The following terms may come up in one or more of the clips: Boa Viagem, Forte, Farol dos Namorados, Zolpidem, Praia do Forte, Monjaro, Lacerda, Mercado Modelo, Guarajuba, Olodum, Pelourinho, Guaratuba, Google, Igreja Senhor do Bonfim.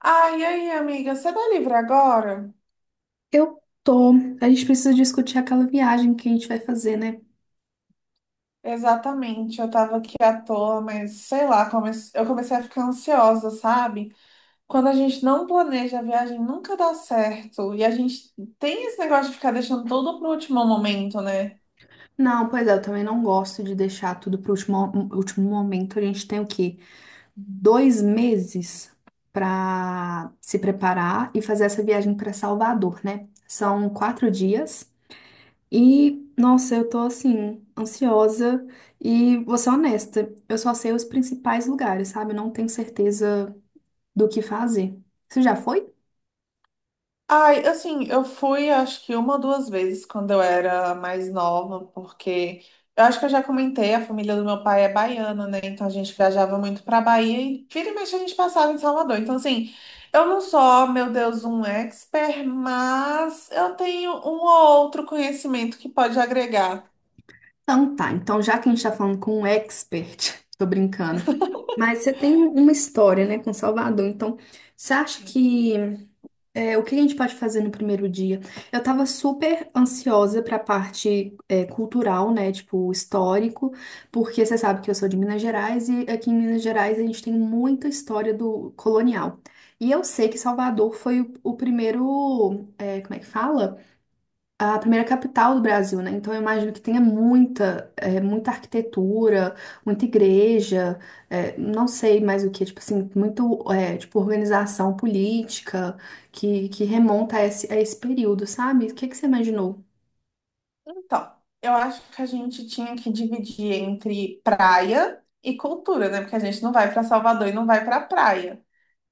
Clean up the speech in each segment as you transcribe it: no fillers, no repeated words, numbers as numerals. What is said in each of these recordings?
Ai, e aí, amiga, você tá livre agora? Eu tô. A gente precisa discutir aquela viagem que a gente vai fazer, né? Exatamente, eu tava aqui à toa, mas sei lá, eu comecei a ficar ansiosa, sabe? Quando a gente não planeja a viagem, nunca dá certo. E a gente tem esse negócio de ficar deixando tudo pro último momento, né? Não, pois é, eu também não gosto de deixar tudo pro último momento. A gente tem o quê? 2 meses pra se preparar e fazer essa viagem pra Salvador, né? São 4 dias e, nossa, eu tô assim, ansiosa e vou ser honesta, eu só sei os principais lugares, sabe? Eu não tenho certeza do que fazer. Você já foi? Ai, assim, eu fui acho que uma ou duas vezes quando eu era mais nova, porque eu acho que eu já comentei, a família do meu pai é baiana, né? Então a gente viajava muito pra Bahia e vira e mexe a gente passava em Salvador. Então, assim, eu não sou, oh, meu Deus, um expert, mas eu tenho um ou outro conhecimento que pode agregar. Então tá, então já que a gente tá falando com um expert, tô brincando, mas você tem uma história, né, com Salvador, então você acha que o que a gente pode fazer no primeiro dia? Eu tava super ansiosa pra parte cultural, né, tipo histórico, porque você sabe que eu sou de Minas Gerais e aqui em Minas Gerais a gente tem muita história do colonial. E eu sei que Salvador foi o primeiro, como é que fala? A primeira capital do Brasil, né? Então eu imagino que tenha muita arquitetura, muita igreja, não sei mais o que, tipo assim, muito, tipo organização política que remonta a esse período, sabe? O que que você imaginou? Então, eu acho que a gente tinha que dividir entre praia e cultura, né? Porque a gente não vai para Salvador e não vai para praia.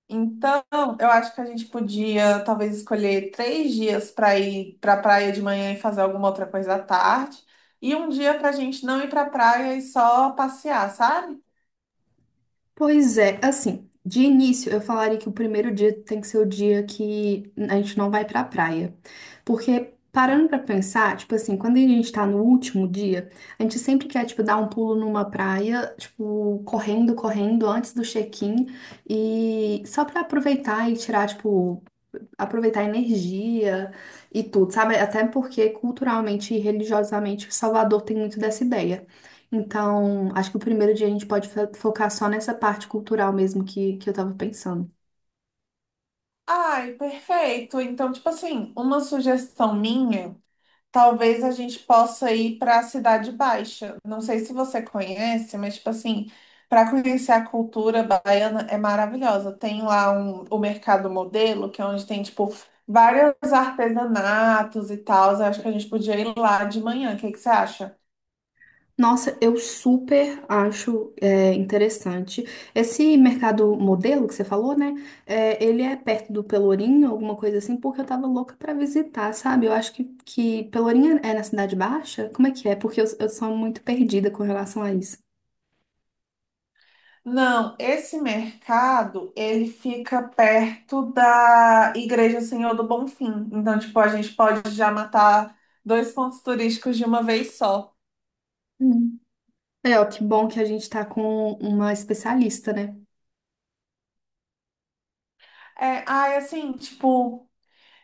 Então, eu acho que a gente podia talvez escolher três dias para ir para a praia de manhã e fazer alguma outra coisa à tarde, e um dia para a gente não ir para a praia e só passear, sabe? Pois é, assim, de início eu falaria que o primeiro dia tem que ser o dia que a gente não vai pra praia. Porque parando pra pensar, tipo assim, quando a gente tá no último dia, a gente sempre quer, tipo, dar um pulo numa praia, tipo, correndo, correndo antes do check-in e só pra aproveitar e tirar, tipo, aproveitar a energia e tudo, sabe? Até porque culturalmente e religiosamente Salvador tem muito dessa ideia. Então, acho que o primeiro dia a gente pode focar só nessa parte cultural mesmo que eu tava pensando. Ai, perfeito. Então, tipo assim, uma sugestão minha. Talvez a gente possa ir para a Cidade Baixa. Não sei se você conhece, mas tipo assim, para conhecer a cultura baiana é maravilhosa. Tem lá um, o Mercado Modelo, que é onde tem tipo vários artesanatos e tal. Eu acho que a gente podia ir lá de manhã. O que que você acha? Nossa, eu super acho interessante. Esse mercado modelo que você falou, né? É, ele é perto do Pelourinho, alguma coisa assim, porque eu tava louca pra visitar, sabe? Eu acho que Pelourinho é na Cidade Baixa? Como é que é? Porque eu sou muito perdida com relação a isso. Não, esse mercado, ele fica perto da Igreja Senhor do Bonfim. Então, tipo, a gente pode já matar dois pontos turísticos de uma vez só. É, ó, que bom que a gente tá com uma especialista, né? É, ai, assim, tipo,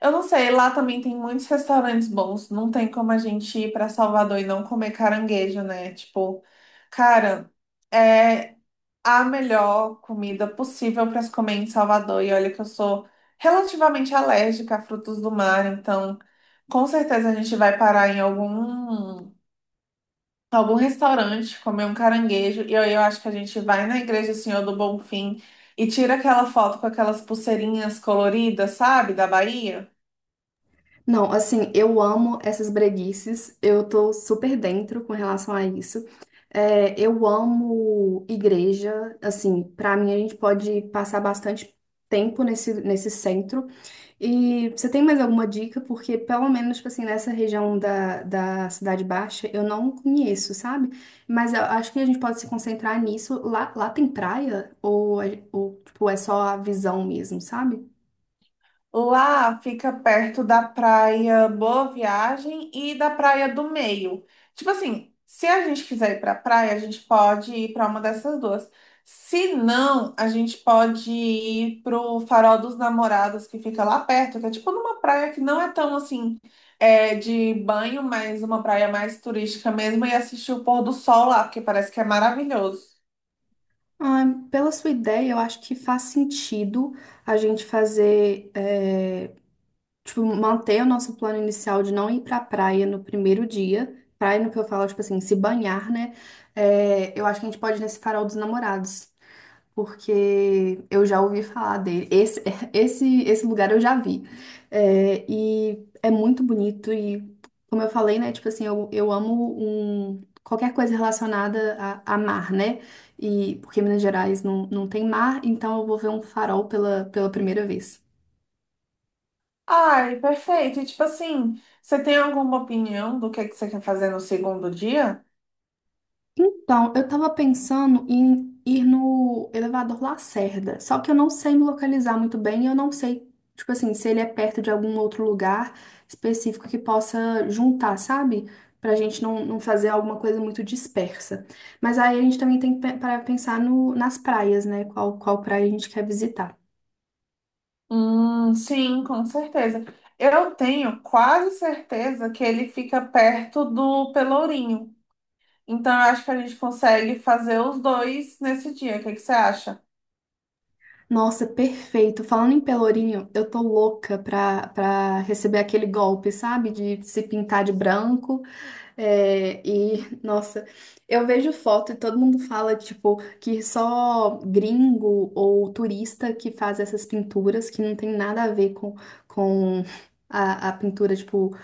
eu não sei, lá também tem muitos restaurantes bons. Não tem como a gente ir para Salvador e não comer caranguejo, né? Tipo, cara, é a melhor comida possível para se comer em Salvador. E olha que eu sou relativamente alérgica a frutos do mar, então com certeza a gente vai parar em algum restaurante, comer um caranguejo. E aí eu acho que a gente vai na Igreja Senhor do Bonfim e tira aquela foto com aquelas pulseirinhas coloridas, sabe, da Bahia. Não, assim, eu amo essas breguices, eu tô super dentro com relação a isso. É, eu amo igreja, assim, pra mim a gente pode passar bastante tempo nesse centro. E você tem mais alguma dica? Porque pelo menos, tipo assim, nessa região da Cidade Baixa, eu não conheço, sabe? Mas eu acho que a gente pode se concentrar nisso. Lá tem praia? Ou, ou tipo, é só a visão mesmo, sabe? Lá fica perto da praia Boa Viagem e da praia do Meio. Tipo assim, se a gente quiser ir pra praia, a gente pode ir pra uma dessas duas. Se não, a gente pode ir pro Farol dos Namorados, que fica lá perto, que é tipo numa praia que não é tão assim, é, de banho, mas uma praia mais turística mesmo, e assistir o pôr do sol lá, porque parece que é maravilhoso. Ah, pela sua ideia, eu acho que faz sentido a gente fazer, tipo, manter o nosso plano inicial de não ir pra praia no primeiro dia. Praia no que eu falo, tipo assim, se banhar, né? É, eu acho que a gente pode ir nesse farol dos namorados porque eu já ouvi falar dele. Esse, esse lugar eu já vi. É, e é muito bonito e, como eu falei, né, tipo assim, eu amo um, qualquer coisa relacionada a mar, né? E porque Minas Gerais não tem mar, então eu vou ver um farol pela primeira vez. Ai, perfeito. E tipo assim, você tem alguma opinião do que você quer fazer no segundo dia? Então, eu tava pensando em ir no elevador Lacerda, só que eu não sei me localizar muito bem e eu não sei, tipo assim, se ele é perto de algum outro lugar específico que possa juntar, sabe? Pra gente não fazer alguma coisa muito dispersa. Mas aí a gente também tem que parar pra pensar no, nas praias, né? Qual praia a gente quer visitar. Sim, com certeza. Eu tenho quase certeza que ele fica perto do Pelourinho. Então, eu acho que a gente consegue fazer os dois nesse dia. O que que você acha? Nossa, perfeito. Falando em Pelourinho, eu tô louca pra receber aquele golpe, sabe? De se pintar de branco. É, e, nossa, eu vejo foto e todo mundo fala, tipo, que só gringo ou turista que faz essas pinturas, que não tem nada a ver com a pintura, tipo,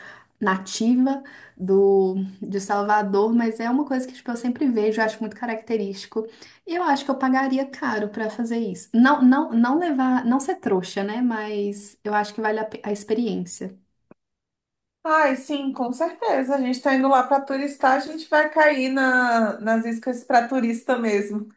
nativa de Salvador, mas é uma coisa que, tipo, eu sempre vejo, eu acho muito característico. Eu acho que eu pagaria caro pra fazer isso. Não, não, não levar, não ser trouxa, né? Mas eu acho que vale a experiência. Ai, sim, com certeza. A gente tá indo lá para turistar, a gente vai cair na, nas iscas para turista mesmo.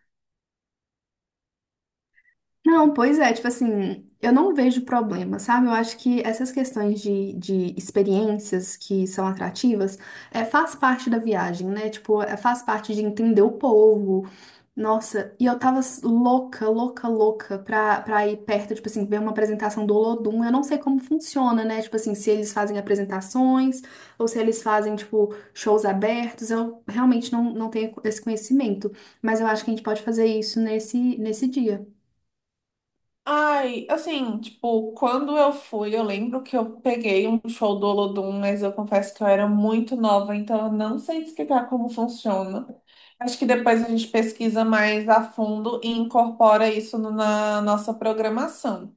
Não, pois é, tipo assim, eu não vejo problema, sabe? Eu acho que essas questões de experiências que são atrativas faz parte da viagem, né? Tipo, faz parte de entender o povo. Nossa, e eu tava louca, louca, louca pra ir perto, tipo assim, ver uma apresentação do Olodum. Eu não sei como funciona, né? Tipo assim, se eles fazem apresentações ou se eles fazem, tipo, shows abertos. Eu realmente não tenho esse conhecimento, mas eu acho que a gente pode fazer isso nesse dia. Ai, assim, tipo, quando eu fui, eu lembro que eu peguei um show do Olodum, mas eu confesso que eu era muito nova, então eu não sei te explicar como funciona. Acho que depois a gente pesquisa mais a fundo e incorpora isso na nossa programação.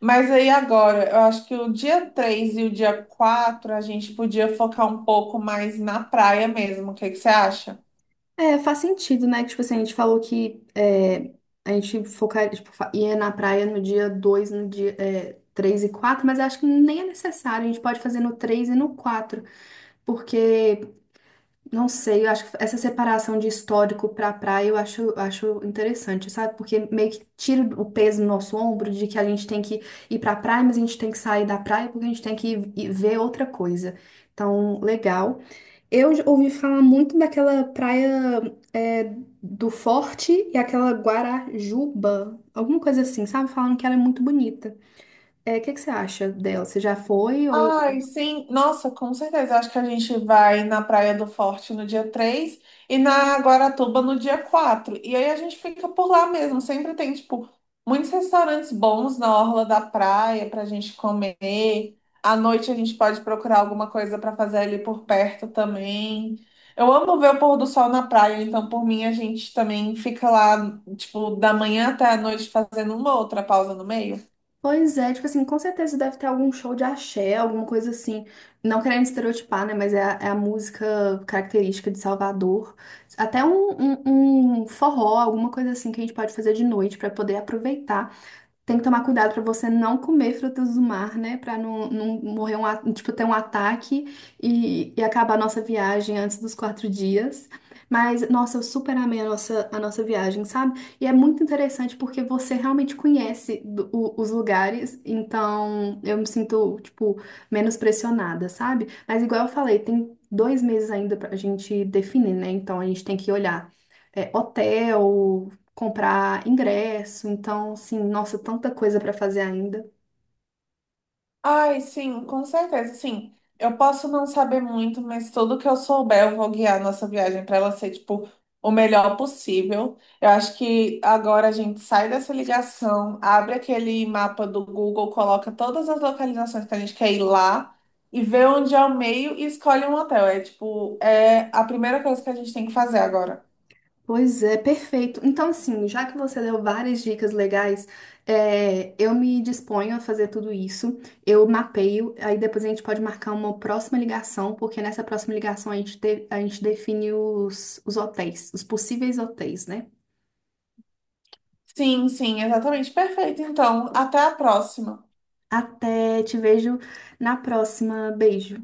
Mas aí agora, eu acho que o dia 3 e o dia 4 a gente podia focar um pouco mais na praia mesmo. O que que você acha? É, faz sentido, né? Que, tipo assim, a gente falou que a gente focar, tipo, ia na praia no dia dois, no dia 3 e quatro, mas eu acho que nem é necessário. A gente pode fazer no 3 e no 4 porque não sei, eu acho que essa separação de histórico pra praia eu acho interessante, sabe? Porque meio que tira o peso do nosso ombro de que a gente tem que ir pra praia, mas a gente tem que sair da praia porque a gente tem que ir ver outra coisa. Então, legal. Eu já ouvi falar muito daquela praia é, do Forte e aquela Guarajuba, alguma coisa assim, sabe? Falando que ela é muito bonita. É, o que que você acha dela? Você já foi? Ai, sim. Nossa, com certeza. Acho que a gente vai na Praia do Forte no dia 3 e na Guaratuba no dia quatro. E aí a gente fica por lá mesmo. Sempre tem, tipo, muitos restaurantes bons na orla da praia pra gente comer. À noite a gente pode procurar alguma coisa pra fazer ali por perto também. Eu amo ver o pôr do sol na praia, então por mim a gente também fica lá, tipo, da manhã até a noite fazendo uma outra pausa no meio. Pois é, tipo assim, com certeza deve ter algum show de axé, alguma coisa assim. Não querendo estereotipar, né? Mas é a música característica de Salvador. Até um forró, alguma coisa assim que a gente pode fazer de noite pra poder aproveitar. Tem que tomar cuidado para você não comer frutas do mar, né? Para não morrer tipo, ter um ataque e acabar a nossa viagem antes dos 4 dias. Mas, nossa, eu super amei a nossa viagem, sabe? E é muito interessante porque você realmente conhece os lugares, então eu me sinto, tipo, menos pressionada, sabe? Mas, igual eu falei, tem 2 meses ainda pra gente definir, né? Então a gente tem que olhar. Hotel, comprar ingresso, então, assim, nossa, tanta coisa para fazer ainda. Ai, sim, com certeza. Sim, eu posso não saber muito, mas tudo que eu souber, eu vou guiar a nossa viagem para ela ser, tipo, o melhor possível. Eu acho que agora a gente sai dessa ligação, abre aquele mapa do Google, coloca todas as localizações que a gente quer ir lá e vê onde é o meio e escolhe um hotel. É, tipo, é a primeira coisa que a gente tem que fazer agora. Pois é, perfeito. Então, assim, já que você deu várias dicas legais, eu me disponho a fazer tudo isso. Eu mapeio, aí depois a gente pode marcar uma próxima ligação, porque nessa próxima ligação a gente define os hotéis, os possíveis hotéis, né? Sim, sim, exatamente. Perfeito. Então, até a próxima. Até te vejo na próxima. Beijo.